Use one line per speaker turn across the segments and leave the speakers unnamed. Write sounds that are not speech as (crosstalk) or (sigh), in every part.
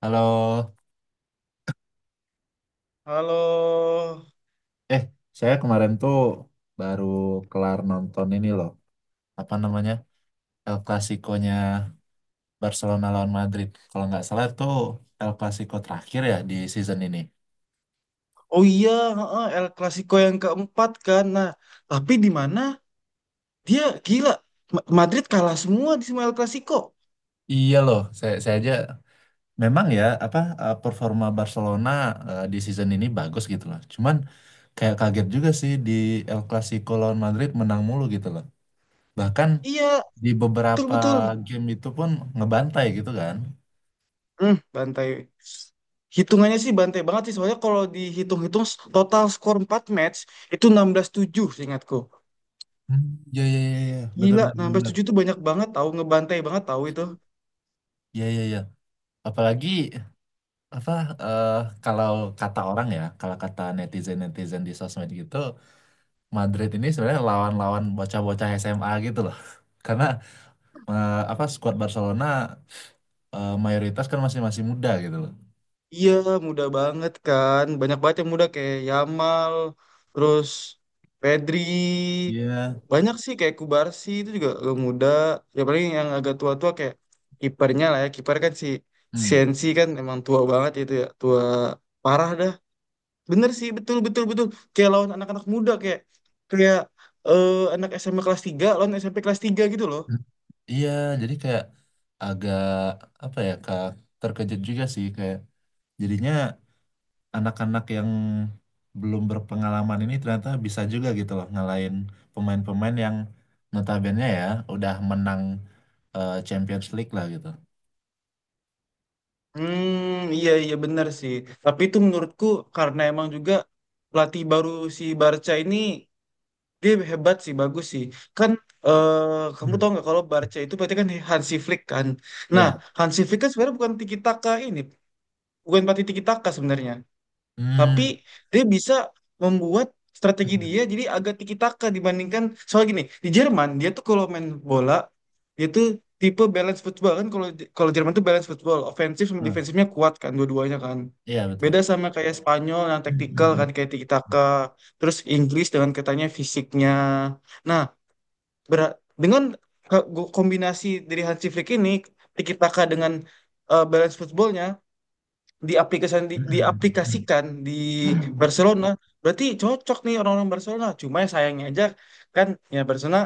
Halo,
Halo.
eh saya kemarin tuh baru kelar nonton ini loh, apa namanya El Clasico-nya Barcelona lawan Madrid. Kalau nggak salah tuh El Clasico terakhir ya di season ini.
Oh iya, heeh, El Clasico yang keempat kan. Nah, tapi di mana dia gila. Madrid kalah semua di semua El Clasico.
Iya loh, saya aja memang ya apa performa Barcelona di season ini bagus gitu loh. Cuman kayak kaget juga sih di El Clasico lawan Madrid menang mulu gitu loh. Bahkan
Iya,
di beberapa
betul-betul.
game itu pun ngebantai gitu kan.
Hmm, bantai. Hitungannya sih bantai banget sih. Soalnya kalau dihitung-hitung total skor 4 match itu 16-7 seingatku.
Hmm, iya iya iya iya. Betul
Gila,
benar benar.
enam belas
Benar.
tujuh itu banyak banget tahu, ngebantai banget tahu itu.
Iya iya iya. Apalagi apa eh, kalau kata orang ya, kalau kata netizen-netizen di sosmed gitu, Madrid ini sebenarnya lawan-lawan bocah-bocah SMA gitu loh. (laughs) Karena apa skuad Barcelona mayoritas kan masih masih muda gitu loh.
Iya, muda banget kan. Banyak banget yang muda kayak Yamal, terus Pedri.
Iya,
Banyak sih kayak Kubarsi itu juga agak muda. Ya paling yang agak tua-tua kayak kipernya lah ya. Kiper kan si
Hmm.
Sensi kan emang tua banget itu ya. Tua parah dah. Bener sih, betul betul betul. Kayak lawan anak-anak muda kayak kayak eh, anak SMP kelas 3 lawan SMP kelas 3 gitu loh.
Iya, jadi kayak agak apa ya, Kak, terkejut juga sih kayak jadinya anak-anak yang belum berpengalaman ini ternyata bisa juga gitu loh ngalahin pemain-pemain yang notabene ya udah menang Champions League lah gitu.
Hmm, iya iya benar sih. Tapi itu menurutku karena emang juga pelatih baru si Barca ini dia hebat sih, bagus sih. Kan kamu tahu
Hmm.
nggak kalau Barca itu berarti kan Hansi Flick kan. Nah,
Iya.
Hansi Flick kan sebenarnya bukan tiki taka ini, bukan pelatih tiki taka sebenarnya, tapi
Hmm.
dia bisa membuat strategi dia jadi agak tiki-taka dibandingkan. Soal gini, di Jerman dia tuh kalau main bola, dia tuh tipe balance football kan. Kalau kalau Jerman tuh balance football, ofensif sama
Nah,
defensifnya kuat kan, dua-duanya kan,
iya betul.
beda sama kayak Spanyol yang taktikal kan kayak tiki-taka, terus Inggris dengan katanya fisiknya. Nah, bera- dengan ke- kombinasi dari Hansi Flick ini, tiki-taka dengan balance footballnya diaplikasikan di Barcelona, berarti cocok nih orang-orang Barcelona. Cuma ya sayangnya aja kan, ya Barcelona,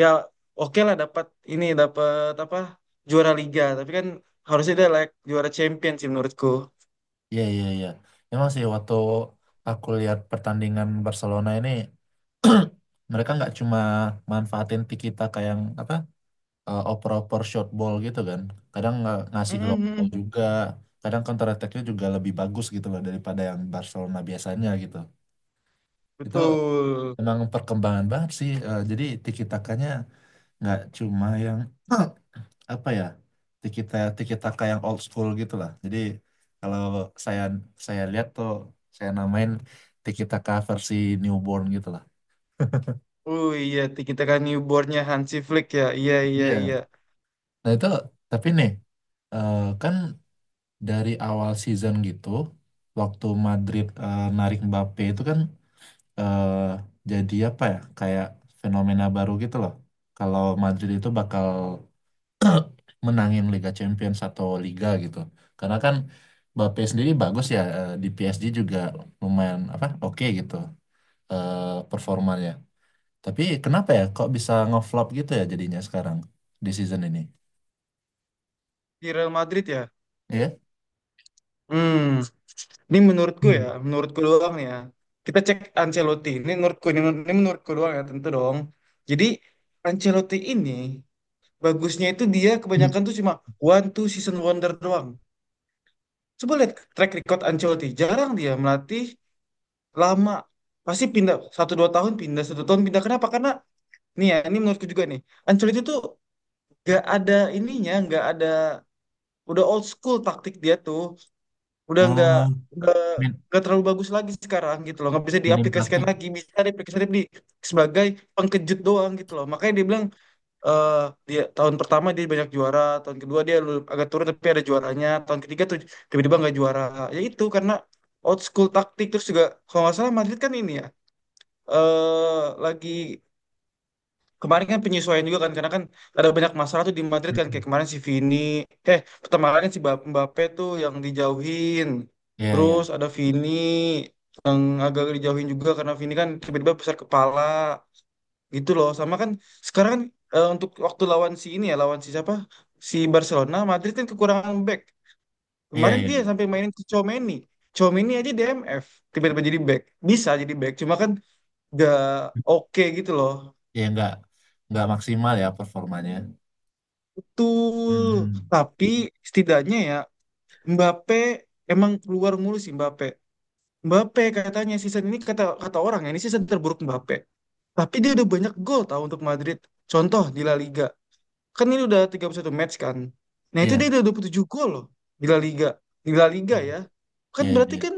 ya oke lah, dapat ini, dapat apa, juara Liga, tapi kan harusnya dia like juara champion sih menurutku.
Iya, iya, iya. Emang sih waktu aku lihat pertandingan Barcelona ini (clears throat) mereka nggak cuma manfaatin Tiki Taka yang apa? Oper-oper short ball gitu kan. Kadang nggak ngasih long ball
Mhm,
juga. Kadang counter attack-nya juga lebih bagus gitu loh daripada yang Barcelona biasanya gitu. Itu
betul.
emang perkembangan banget sih. Jadi tiki takanya nggak cuma yang (clears throat) apa ya? Tiki taka yang old school gitu lah. Jadi kalau saya saya lihat tuh saya namain tiki taka versi newborn gitu lah.
Oh iya, kita kan newbornnya Hansi Flick ya, iya iya iya.
Iya. Nah itu tapi nih kan dari awal season gitu, waktu Madrid narik Mbappe itu kan, eh, jadi apa ya kayak fenomena baru gitu loh kalau Madrid itu bakal menangin Liga Champions atau Liga gitu. Karena kan Mbappe sendiri bagus ya di PSG juga lumayan apa oke gitu eh, performanya. Tapi kenapa ya kok bisa ngeflop gitu ya jadinya sekarang di season ini
Di Real Madrid ya.
ya.
Hmm. Ini menurutku
Hmm.
ya, menurutku doang nih ya. Kita cek Ancelotti. Ini menurutku, ini menurutku doang ya, tentu dong. Jadi Ancelotti ini bagusnya itu dia
Hmm.
kebanyakan tuh cuma one two season wonder doang. Coba lihat track record Ancelotti. Jarang dia melatih lama. Pasti pindah 1-2 tahun, pindah 1 tahun, pindah. Kenapa? Karena nih ya, ini menurutku juga nih. Ancelotti tuh gak ada ininya, gak ada, udah old school taktik dia tuh. Udah nggak,
Oh,
nggak
min
nggak terlalu bagus lagi sekarang gitu loh. Nggak bisa
minim
diaplikasikan
praktik.
lagi, bisa diaplikasikan di sebagai pengkejut doang gitu loh. Makanya dia bilang eh dia tahun pertama dia banyak juara, tahun kedua dia agak turun tapi ada juaranya, tahun ketiga tuh tiba-tiba nggak juara. Ya itu karena old school taktik. Terus juga kalau nggak salah Madrid kan ini ya, eh lagi kemarin kan penyesuaian juga kan, karena kan ada banyak masalah tuh di Madrid kan. Kayak
Mhm.
kemarin si Vini, pertama kali si Mbappe tuh yang dijauhin,
Iya,
terus
iya.
ada Vini yang agak dijauhin juga karena Vini kan tiba-tiba besar kepala gitu loh. Sama kan sekarang kan, untuk waktu lawan si ini ya, lawan si siapa, si Barcelona, Madrid kan kekurangan back.
Iya,
Kemarin
iya,
dia
iya.
sampai mainin si Tchouaméni. Tchouaméni aja DMF tiba-tiba jadi back, bisa jadi back, cuma kan gak oke gitu loh.
Ya nggak maksimal ya performanya.
Betul,
Hmm.
tapi setidaknya ya, Mbappe emang keluar mulu sih Mbappe. Mbappe katanya season ini, kata kata orang ya, ini season terburuk Mbappe. Tapi dia udah banyak gol tahu untuk Madrid. Contoh di La Liga. Kan ini udah 31 match kan. Nah, itu dia
Iya,
udah 27 gol loh di La Liga. Di La Liga ya. Kan
iya, iya.
berarti kan
Iya.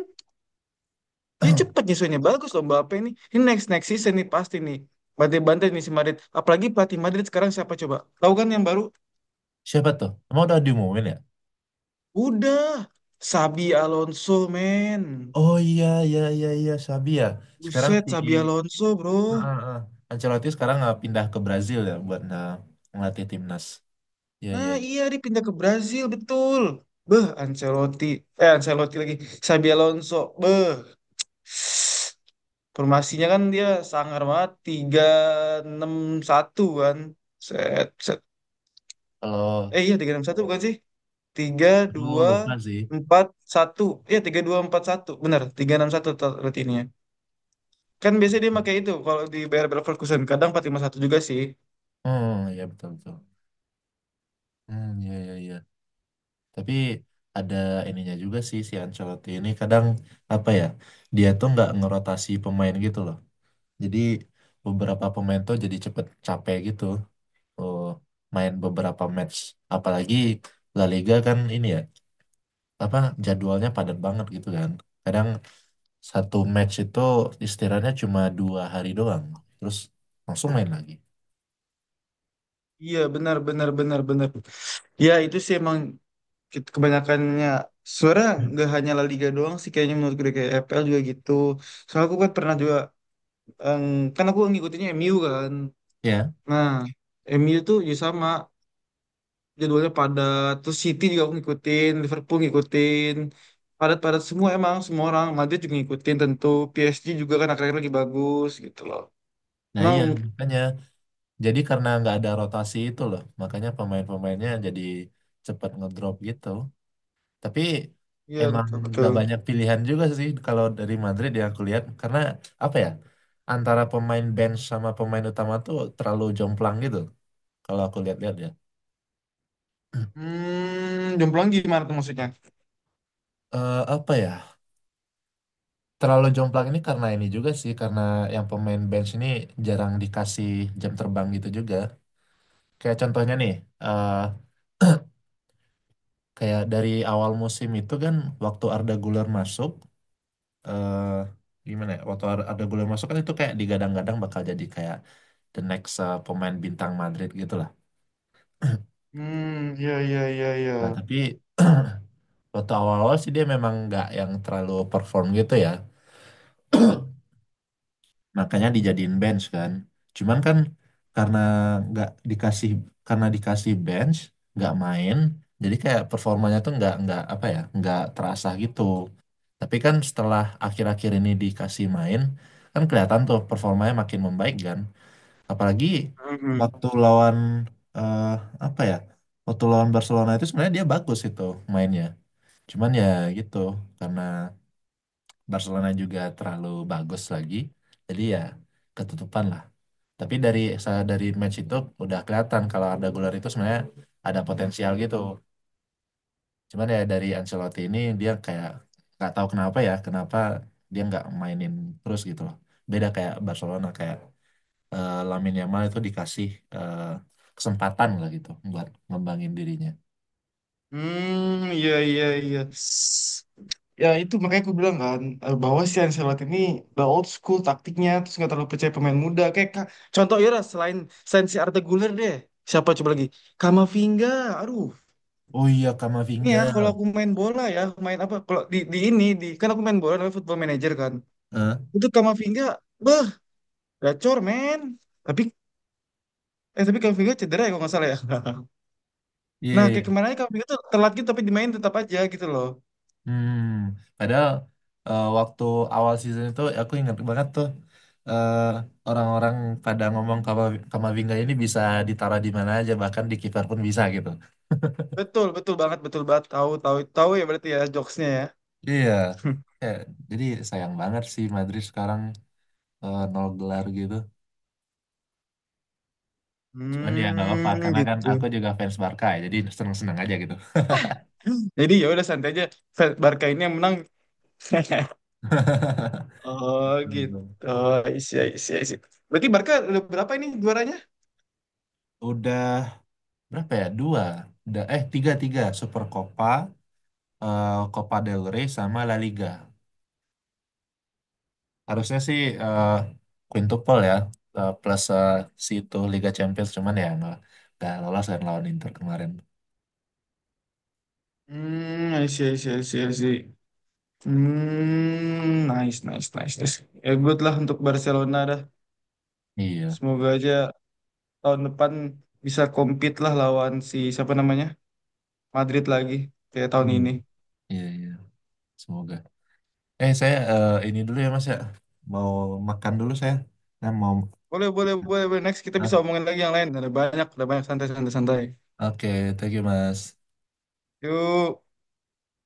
dia cepet
(clears throat)
nyusunnya, bagus loh Mbappe ini. Ini next next season nih pasti nih. Bantai-bantai nih si Madrid. Apalagi pelatih Madrid sekarang siapa coba? Tahu kan yang baru?
Siapa tuh? Emang udah diumumin ya?
Udah, Sabi Alonso, men.
Oh iya, iya, iya, iya, Sabi ya. Sekarang si
Buset, Sabi Alonso,
Ah,
bro.
ah, ah. Ancelotti sekarang nggak pindah ke Brazil ya buat nah, ngelatih timnas. Iya, iya.
Nah,
Iya.
iya, dia pindah ke Brazil, betul. Beh, Ancelotti. Eh, Ancelotti lagi. Sabi Alonso, beh. Formasinya kan dia sangar banget. 3-6-1 kan. Set, set.
Kalau
Eh, iya, 3-6-1 bukan sih?
aku lupa sih.
3-2-4-1. Iya, tiga dua empat satu. Benar, 3-6-1 rutinnya. Kan biasanya dia pakai itu kalau di Bayer Leverkusen. Kadang 4-5-1 juga sih.
Hmm, iya betul betul. Hmm, iya, iya, iya. Tapi ada ininya juga sih si Ancelotti ini kadang apa ya? Dia tuh nggak ngerotasi pemain gitu loh. Jadi beberapa pemain tuh jadi cepet capek gitu oh, main beberapa match. Apalagi La Liga kan ini ya, apa jadwalnya padat banget gitu kan. Kadang satu match itu istirahatnya cuma 2 hari doang, terus langsung main lagi.
Iya benar benar benar benar. Ya itu sih emang kebanyakannya sebenarnya
Hmm.
nggak hanya La Liga doang sih kayaknya, menurut gue kayak EPL juga gitu. Soalnya aku kan pernah juga, em, kan aku ngikutinnya MU kan.
Ya,
Nah, MU tuh ya sama, jadwalnya padat. Terus City juga aku ngikutin, Liverpool ngikutin. Padat-padat semua emang semua orang. Madrid juga ngikutin tentu. PSG juga kan akhir-akhir lagi bagus gitu loh.
nah
Emang
iya makanya. Jadi karena nggak ada rotasi itu loh, makanya pemain-pemainnya jadi cepet ngedrop gitu. Tapi
iya
emang
betul
nggak
betul.
banyak pilihan juga sih kalau dari Madrid yang aku lihat karena apa ya antara pemain bench sama pemain utama tuh terlalu jomplang gitu kalau aku lihat-lihat ya. (clears throat)
Hmm, jomplang gimana tuh maksudnya?
Apa ya terlalu jomplang ini karena ini juga sih karena yang pemain bench ini jarang dikasih jam terbang gitu juga. Kayak contohnya nih eh kayak dari awal musim itu kan waktu Arda Güler masuk eh gimana ya waktu ada gol masuk kan itu kayak digadang-gadang bakal jadi kayak the next pemain bintang Madrid gitu lah. (clears throat)
Hmm, iya, iya, iya, iya.
Nah tapi (clears throat) waktu awal-awal sih dia memang nggak yang terlalu perform gitu ya. (clears throat) Makanya dijadiin bench kan. Cuman kan karena nggak dikasih karena dikasih bench nggak main jadi kayak performanya tuh nggak apa ya nggak terasa gitu. Tapi kan setelah akhir-akhir ini dikasih main kan kelihatan tuh performanya makin membaik kan. Apalagi
Hmm.
waktu lawan eh apa ya? Waktu lawan Barcelona itu sebenarnya dia bagus itu mainnya. Cuman ya gitu karena Barcelona juga terlalu bagus lagi. Jadi ya ketutupan lah. Tapi dari dari match itu udah kelihatan kalau Arda Güler itu sebenarnya ada potensial gitu. Cuman ya dari Ancelotti ini dia kayak nggak tahu kenapa ya, kenapa dia nggak mainin terus gitu loh. Beda kayak Barcelona kayak Lamine Yamal itu dikasih eh, kesempatan lah gitu buat ngembangin dirinya.
Hmm, iya, iya, iya. Ya itu makanya aku bilang kan, bahwa si Ancelotti ini the old school taktiknya, terus nggak terlalu percaya pemain muda kayak contoh ya lah, selain selain si Arda Güler deh siapa coba lagi, Kamavinga, aduh.
Oh iya
Ini
Kamavinga.
ya, kalau aku main bola ya, main apa, kalau di ini di kan aku main bola namanya Football Manager kan,
Eh,
itu Kamavinga beh, gacor men. Tapi tapi Kamavinga cedera ya kalau nggak salah ya. (laughs)
Iya.
Nah,
Iya,
kayak
iya.
kemarin aja, kamu itu telat gitu tapi dimain tetap aja gitu loh.
Hmm. Padahal waktu awal season itu aku ingat banget tuh eh, orang-orang pada ngomong Kamavinga ini bisa ditaruh di mana aja bahkan di kiper pun bisa gitu.
Betul, betul banget, betul banget. Tahu, tahu, tahu ya berarti ya jokesnya ya. (laughs)
Iya. Ya, jadi sayang banget sih Madrid sekarang nol gelar gitu. Cuman ya nggak apa-apa
Hmm,
karena kan
gitu.
aku juga fans Barca ya, jadi seneng-seneng aja gitu.
Jadi ya udah santai aja. Barca ini yang menang. (laughs)
(laughs)
Oh, gitu.
Betul.
Oh, isi, isi, isi. Berarti Barca udah berapa ini juaranya?
Udah berapa ya? Dua. Udah, tiga, tiga. Super Copa, eh, Copa del Rey, sama La Liga. Harusnya sih quintuple ya, plus si itu Liga Champions. Cuman ya nggak lolos kan lawan Inter kemarin.
Hmm, isi, isi, isi, isi. Hmm, nice, nice, nice, nice. Ya good lah untuk Barcelona dah.
Iya.
Semoga aja tahun depan bisa compete lah lawan si siapa namanya? Madrid lagi kayak tahun
Hmm.
ini.
Iya, iya. Semoga. Saya ini dulu ya, Mas ya. Mau makan dulu saya. Saya mau...
Boleh, boleh, boleh, boleh. Next kita
Ah,
bisa omongin lagi yang lain. Ada banyak santai-santai santai.
Oke, thank you, Mas.
Yuk.